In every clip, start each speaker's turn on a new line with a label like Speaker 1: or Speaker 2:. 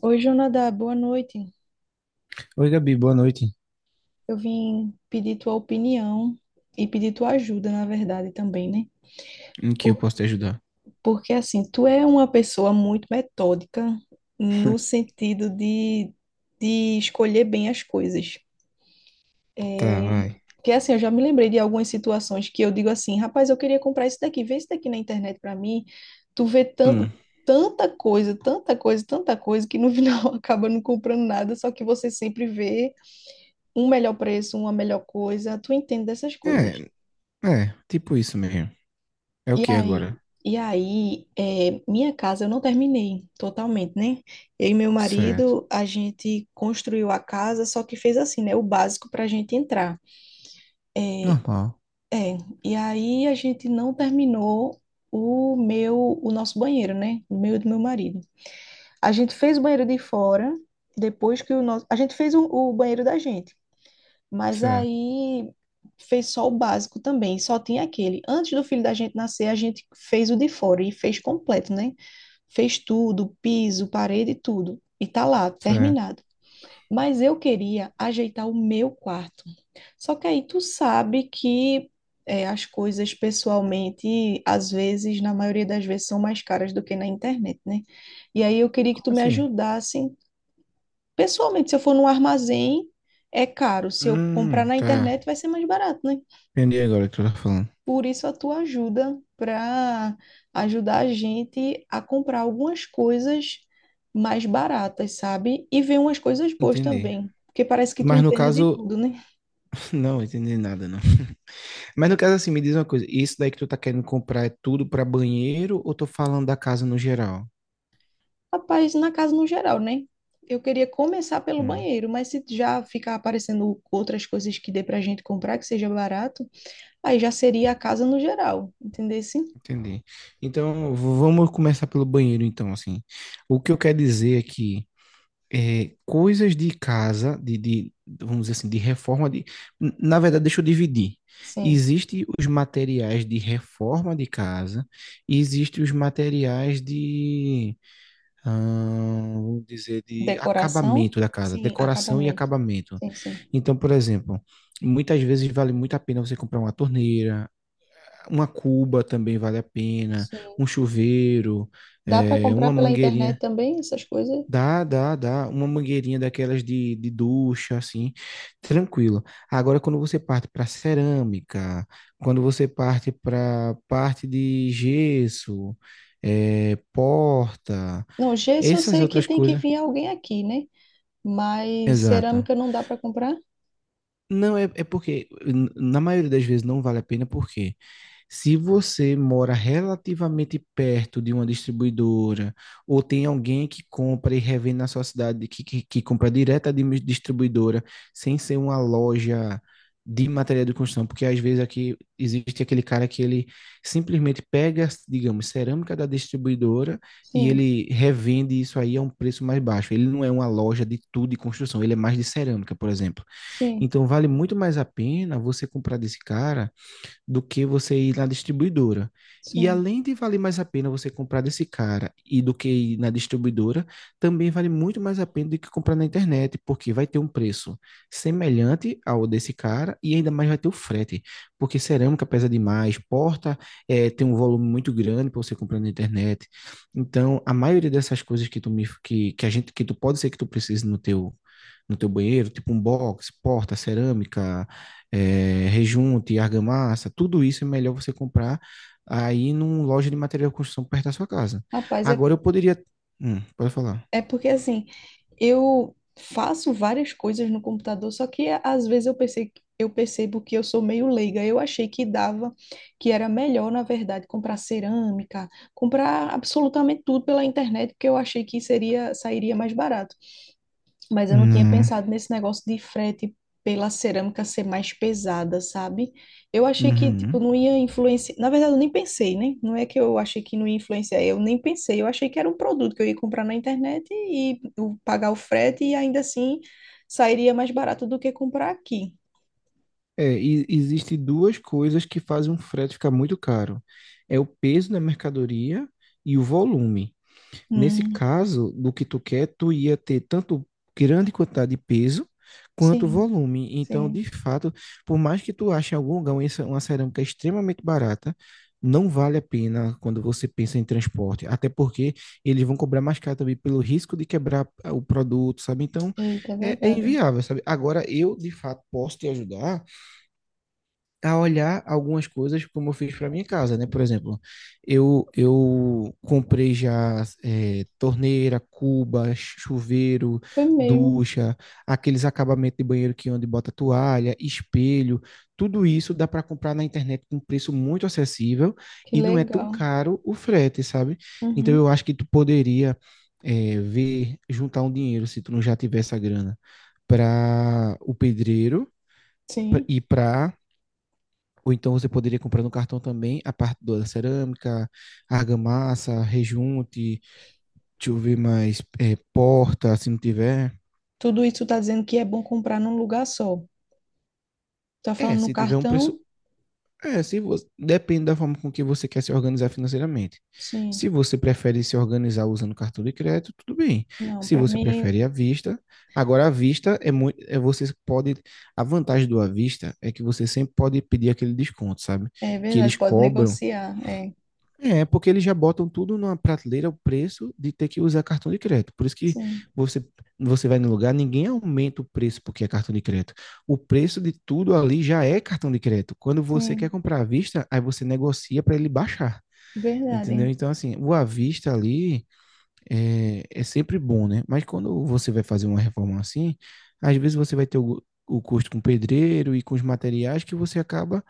Speaker 1: Oi, Jonadá, boa noite.
Speaker 2: Oi, Gabi, boa noite.
Speaker 1: Eu vim pedir tua opinião e pedir tua ajuda, na verdade, também, né?
Speaker 2: Em que eu
Speaker 1: Por,
Speaker 2: posso te ajudar?
Speaker 1: porque, assim, tu é uma pessoa muito metódica no sentido de escolher bem as coisas.
Speaker 2: Tá,
Speaker 1: É,
Speaker 2: vai.
Speaker 1: que, assim, eu já me lembrei de algumas situações que eu digo assim, rapaz, eu queria comprar isso daqui, vê isso daqui na internet pra mim. Tu vê
Speaker 2: Hum.
Speaker 1: tanta coisa, tanta coisa, tanta coisa, que no final acaba não comprando nada, só que você sempre vê um melhor preço, uma melhor coisa, tu entende dessas coisas.
Speaker 2: É, é, tipo isso mesmo. É o
Speaker 1: E
Speaker 2: que
Speaker 1: aí,
Speaker 2: agora?
Speaker 1: e aí, minha casa eu não terminei totalmente, né? Eu e meu
Speaker 2: Certo.
Speaker 1: marido, a gente construiu a casa, só que fez assim, né? O básico para a gente entrar.
Speaker 2: Normal.
Speaker 1: É, e aí a gente não terminou o nosso banheiro, né? O meu e do meu marido. A gente fez o banheiro de fora, depois que a gente fez o banheiro da gente. Mas
Speaker 2: Certo,
Speaker 1: aí fez só o básico também, só tinha aquele. Antes do filho da gente nascer, a gente fez o de fora e fez completo, né? Fez tudo, piso, parede, tudo. E tá lá,
Speaker 2: certo.
Speaker 1: terminado. Mas eu queria ajeitar o meu quarto. Só que aí tu sabe que as coisas pessoalmente, às vezes, na maioria das vezes, são mais caras do que na internet, né? E aí eu queria que
Speaker 2: Como
Speaker 1: tu me
Speaker 2: assim?
Speaker 1: ajudasse. Pessoalmente, se eu for num armazém, é caro. Se eu comprar na
Speaker 2: Tá.
Speaker 1: internet, vai ser mais barato, né?
Speaker 2: Entendi agora o que tu tá falando.
Speaker 1: Por isso a tua ajuda para ajudar a gente a comprar algumas coisas mais baratas, sabe? E ver umas coisas boas
Speaker 2: Entendi.
Speaker 1: também, porque parece que tu
Speaker 2: Mas no
Speaker 1: entende de
Speaker 2: caso,
Speaker 1: tudo, né?
Speaker 2: não entendi nada, não. Mas no caso, assim, me diz uma coisa. Isso daí que tu tá querendo comprar é tudo pra banheiro ou tô falando da casa no geral?
Speaker 1: Rapaz, na casa no geral, né? Eu queria começar pelo
Speaker 2: Hum,
Speaker 1: banheiro, mas se já ficar aparecendo outras coisas que dê pra gente comprar que seja barato, aí já seria a casa no geral, entendesse?
Speaker 2: entendi. Então, vamos começar pelo banheiro, então, assim. O que eu quero dizer é que coisas de casa, de, vamos dizer assim, de reforma de. Na verdade, deixa eu dividir.
Speaker 1: Sim.
Speaker 2: Existem os materiais de reforma de casa, e existem os materiais de, ah, vamos dizer, de
Speaker 1: Decoração?
Speaker 2: acabamento da casa,
Speaker 1: Sim,
Speaker 2: decoração e
Speaker 1: acabamento.
Speaker 2: acabamento.
Speaker 1: Sim, sim.
Speaker 2: Então, por exemplo, muitas vezes vale muito a pena você comprar uma torneira, uma cuba também vale a pena, um
Speaker 1: Sim.
Speaker 2: chuveiro,
Speaker 1: Dá para comprar
Speaker 2: uma
Speaker 1: pela internet
Speaker 2: mangueirinha.
Speaker 1: também essas coisas?
Speaker 2: Dá, dá, dá. Uma mangueirinha daquelas de ducha, assim, tranquilo. Agora, quando você parte para cerâmica, quando você parte para parte de gesso, porta,
Speaker 1: Não, gesso eu
Speaker 2: essas
Speaker 1: sei que
Speaker 2: outras
Speaker 1: tem que
Speaker 2: coisas.
Speaker 1: vir alguém aqui, né? Mas
Speaker 2: Exato.
Speaker 1: cerâmica não dá para comprar?
Speaker 2: Não, é porque, na maioria das vezes, não vale a pena, porque se você mora relativamente perto de uma distribuidora, ou tem alguém que compra e revende na sua cidade, que compra direto de uma distribuidora, sem ser uma loja de material de construção, porque às vezes aqui existe aquele cara que ele simplesmente pega, digamos, cerâmica da distribuidora e
Speaker 1: Sim,
Speaker 2: ele revende isso aí a um preço mais baixo. Ele não é uma loja de tudo de construção, ele é mais de cerâmica, por exemplo.
Speaker 1: sim,
Speaker 2: Então vale muito mais a pena você comprar desse cara do que você ir na distribuidora. E
Speaker 1: sim.
Speaker 2: além de valer mais a pena você comprar desse cara e do que ir na distribuidora, também vale muito mais a pena do que comprar na internet, porque vai ter um preço semelhante ao desse cara e ainda mais vai ter o frete, porque cerâmica pesa demais, porta tem um volume muito grande para você comprar na internet. Então, a maioria dessas coisas que a gente que tu pode ser que tu precise no teu no teu banheiro, tipo um box, porta, cerâmica, rejunte, argamassa, tudo isso é melhor você comprar aí numa loja de material de construção perto da sua casa.
Speaker 1: Rapaz, é.
Speaker 2: Agora eu poderia. Pode falar.
Speaker 1: É porque assim, eu faço várias coisas no computador, só que às vezes eu pensei, eu percebo que eu sou meio leiga. Eu achei que dava, que era melhor, na verdade, comprar cerâmica, comprar absolutamente tudo pela internet, porque eu achei que seria, sairia mais barato, mas eu não tinha
Speaker 2: Não.
Speaker 1: pensado nesse negócio de frete pela cerâmica ser mais pesada, sabe? Eu achei que, tipo,
Speaker 2: Uhum.
Speaker 1: não ia influenciar. Na verdade, eu nem pensei, né? Não é que eu achei que não ia influenciar, eu nem pensei. Eu achei que era um produto que eu ia comprar na internet e eu pagar o frete e ainda assim sairia mais barato do que comprar aqui.
Speaker 2: É, e existe duas coisas que fazem um frete ficar muito caro. É o peso da mercadoria e o volume. Nesse
Speaker 1: Hum,
Speaker 2: caso, do que tu quer, tu ia ter tanto grande quantidade de peso quanto
Speaker 1: sim,
Speaker 2: volume. Então,
Speaker 1: sim.
Speaker 2: de fato, por mais que tu ache em algum lugar uma uma cerâmica extremamente barata, não vale a pena quando você pensa em transporte, até porque eles vão cobrar mais caro também pelo risco de quebrar o produto, sabe? Então,
Speaker 1: Eita, é
Speaker 2: é
Speaker 1: verdade.
Speaker 2: inviável, sabe? Agora, eu, de fato, posso te ajudar a olhar algumas coisas como eu fiz para minha casa, né? Por exemplo, eu comprei já torneira, cuba, chuveiro,
Speaker 1: Foi mesmo.
Speaker 2: ducha, aqueles acabamentos de banheiro que onde bota toalha, espelho, tudo isso dá para comprar na internet com preço muito acessível
Speaker 1: Que
Speaker 2: e não é tão
Speaker 1: legal.
Speaker 2: caro o frete, sabe? Então eu
Speaker 1: Uhum,
Speaker 2: acho que tu poderia ver juntar um dinheiro se tu não já tivesse a grana para o pedreiro
Speaker 1: sim.
Speaker 2: e para, ou então você poderia comprar no cartão também a parte da cerâmica, argamassa, rejunte, deixa eu ver mais, porta, se não tiver.
Speaker 1: Tudo isso tá dizendo que é bom comprar num lugar só. Tá
Speaker 2: É,
Speaker 1: falando no
Speaker 2: se tiver um preço.
Speaker 1: cartão?
Speaker 2: É, se você... depende da forma com que você quer se organizar financeiramente. Se
Speaker 1: Sim.
Speaker 2: você prefere se organizar usando cartão de crédito, tudo bem.
Speaker 1: Não,
Speaker 2: Se
Speaker 1: para
Speaker 2: você
Speaker 1: mim.
Speaker 2: prefere à vista, agora à vista é muito, você pode, a vantagem do à vista é que você sempre pode pedir aquele desconto, sabe?
Speaker 1: É
Speaker 2: Que
Speaker 1: verdade,
Speaker 2: eles
Speaker 1: pode
Speaker 2: cobram.
Speaker 1: negociar. É,
Speaker 2: É, porque eles já botam tudo numa prateleira o preço de ter que usar cartão de crédito. Por isso que
Speaker 1: sim,
Speaker 2: você, você vai no lugar, ninguém aumenta o preço porque é cartão de crédito. O preço de tudo ali já é cartão de crédito. Quando você quer
Speaker 1: sim,
Speaker 2: comprar à vista, aí você negocia para ele baixar. Entendeu?
Speaker 1: verdade.
Speaker 2: Então, assim, o à vista ali é sempre bom, né? Mas quando você vai fazer uma reforma assim, às vezes você vai ter o custo com o pedreiro e com os materiais que você acaba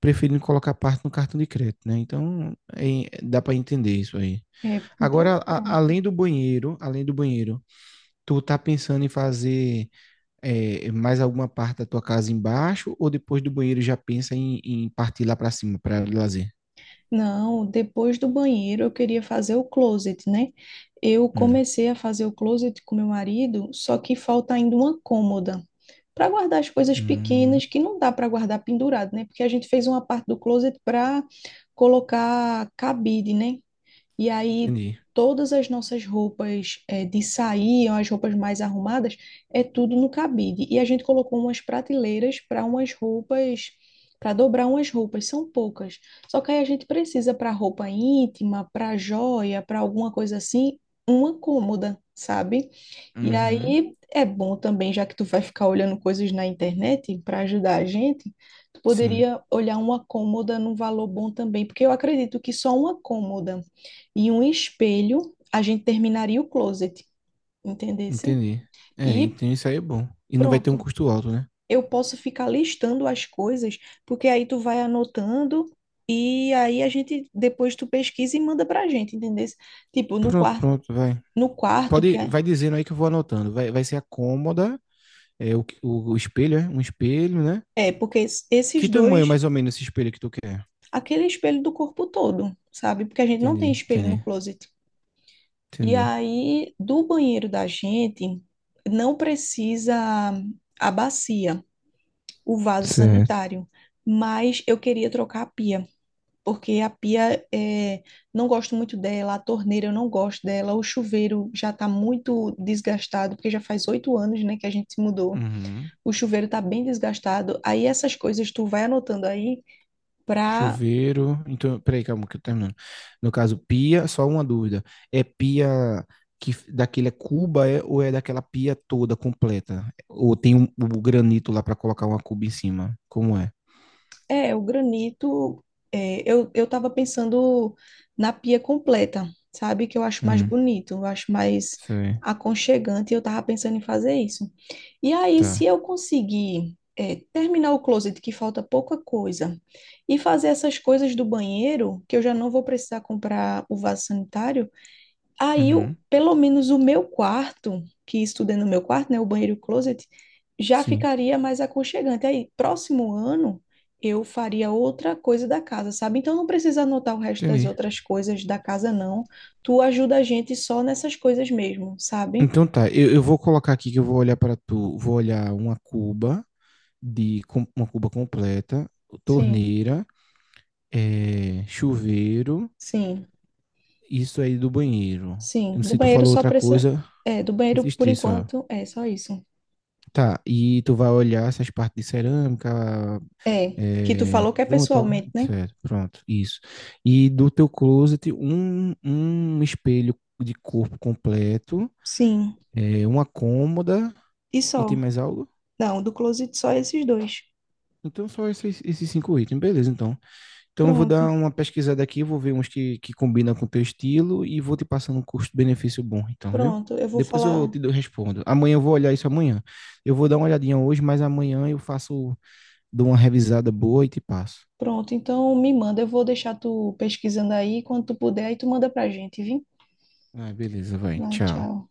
Speaker 2: preferindo colocar parte no cartão de crédito, né? Então, dá para entender isso aí.
Speaker 1: É,
Speaker 2: Agora,
Speaker 1: então, pronto.
Speaker 2: além do banheiro, tu tá pensando em fazer mais alguma parte da tua casa embaixo ou depois do banheiro já pensa em partir lá para cima para lazer?
Speaker 1: Não, depois do banheiro eu queria fazer o closet, né? Eu
Speaker 2: Hum.
Speaker 1: comecei a fazer o closet com meu marido, só que falta ainda uma cômoda para guardar as coisas
Speaker 2: Hum,
Speaker 1: pequenas que não dá para guardar pendurado, né? Porque a gente fez uma parte do closet para colocar cabide, né? E aí
Speaker 2: entendi.
Speaker 1: todas as nossas roupas de sair, as roupas mais arrumadas, é tudo no cabide. E a gente colocou umas prateleiras para umas roupas, para dobrar umas roupas, são poucas. Só que aí a gente precisa para roupa íntima, para joia, para alguma coisa assim, uma cômoda, sabe? E
Speaker 2: Uhum,
Speaker 1: aí é bom também, já que tu vai ficar olhando coisas na internet para ajudar a gente, tu
Speaker 2: sim.
Speaker 1: poderia olhar uma cômoda num valor bom também, porque eu acredito que só uma cômoda e um espelho, a gente terminaria o closet, entendesse?
Speaker 2: Entendi. É,
Speaker 1: E
Speaker 2: então isso aí é bom. E não vai ter um
Speaker 1: pronto.
Speaker 2: custo alto, né?
Speaker 1: Eu posso ficar listando as coisas, porque aí tu vai anotando e aí a gente depois tu pesquisa e manda pra gente, entendesse? Tipo,
Speaker 2: Pronto, pronto, vai.
Speaker 1: no quarto que
Speaker 2: Pode,
Speaker 1: é,
Speaker 2: vai dizendo aí que eu vou anotando. Vai ser a cômoda, o espelho, é? Um espelho, né?
Speaker 1: é porque esses
Speaker 2: Que tamanho
Speaker 1: dois,
Speaker 2: mais ou menos esse espelho que tu quer?
Speaker 1: aquele espelho do corpo todo, sabe? Porque a gente não
Speaker 2: Entendi,
Speaker 1: tem espelho no
Speaker 2: entendi,
Speaker 1: closet. E
Speaker 2: entendi.
Speaker 1: aí do banheiro da gente não precisa a bacia, o vaso
Speaker 2: Certo.
Speaker 1: sanitário, mas eu queria trocar a pia, porque a pia não gosto muito dela, a torneira eu não gosto dela, o chuveiro já está muito desgastado, porque já faz 8 anos, né, que a gente se mudou.
Speaker 2: Uhum.
Speaker 1: O chuveiro está bem desgastado. Aí essas coisas tu vai anotando aí para.
Speaker 2: Chuveiro. Então, peraí, calma, que eu tô terminando. No caso, pia, só uma dúvida. É pia que daquele é cuba ou é daquela pia toda completa? Ou tem o granito lá pra colocar uma cuba em cima? Como é?
Speaker 1: É, o granito, eu tava pensando na pia completa, sabe? Que eu acho mais bonito, eu acho mais
Speaker 2: Sei,
Speaker 1: aconchegante, e eu tava pensando em fazer isso. E aí, se
Speaker 2: tá.
Speaker 1: eu conseguir, terminar o closet, que falta pouca coisa, e fazer essas coisas do banheiro, que eu já não vou precisar comprar o vaso sanitário. Aí,
Speaker 2: Uhum,
Speaker 1: pelo menos o meu quarto, que estudei no meu quarto, né, o banheiro e o closet, já
Speaker 2: sim,
Speaker 1: ficaria mais aconchegante. Aí, próximo ano, eu faria outra coisa da casa, sabe? Então, não precisa anotar o resto das
Speaker 2: entendi.
Speaker 1: outras coisas da casa, não. Tu ajuda a gente só nessas coisas mesmo, sabe?
Speaker 2: Então tá, eu vou colocar aqui que eu vou olhar para tu, vou olhar uma cuba uma cuba completa,
Speaker 1: Sim,
Speaker 2: torneira, chuveiro,
Speaker 1: sim,
Speaker 2: isso aí do banheiro.
Speaker 1: sim.
Speaker 2: Eu não sei
Speaker 1: Do
Speaker 2: se tu
Speaker 1: banheiro
Speaker 2: falou
Speaker 1: só
Speaker 2: outra
Speaker 1: precisa.
Speaker 2: coisa,
Speaker 1: É, do banheiro,
Speaker 2: esses
Speaker 1: por
Speaker 2: três só.
Speaker 1: enquanto, é só isso.
Speaker 2: Tá, e tu vai olhar essas partes de cerâmica,
Speaker 1: É, que tu
Speaker 2: é,
Speaker 1: falou que é
Speaker 2: junta, ó,
Speaker 1: pessoalmente, né?
Speaker 2: certo, pronto, isso. E do teu closet, um espelho de corpo completo
Speaker 1: Sim,
Speaker 2: uma cômoda
Speaker 1: e
Speaker 2: e
Speaker 1: só.
Speaker 2: tem mais algo?
Speaker 1: Não, do closet só esses dois.
Speaker 2: Então só esses cinco itens, beleza, então. Então eu vou dar
Speaker 1: Pronto.
Speaker 2: uma pesquisada aqui, vou ver uns que combinam com o teu estilo e vou te passando um custo-benefício bom, então, viu?
Speaker 1: Pronto, eu vou
Speaker 2: Depois eu
Speaker 1: falar.
Speaker 2: te respondo. Amanhã eu vou olhar isso amanhã. Eu vou dar uma olhadinha hoje, mas amanhã eu faço, dou uma revisada boa e te passo.
Speaker 1: Pronto, então me manda. Eu vou deixar tu pesquisando aí. Quando tu puder, aí tu manda pra gente, viu?
Speaker 2: Ah, beleza, vai.
Speaker 1: Vai,
Speaker 2: Tchau.
Speaker 1: tchau.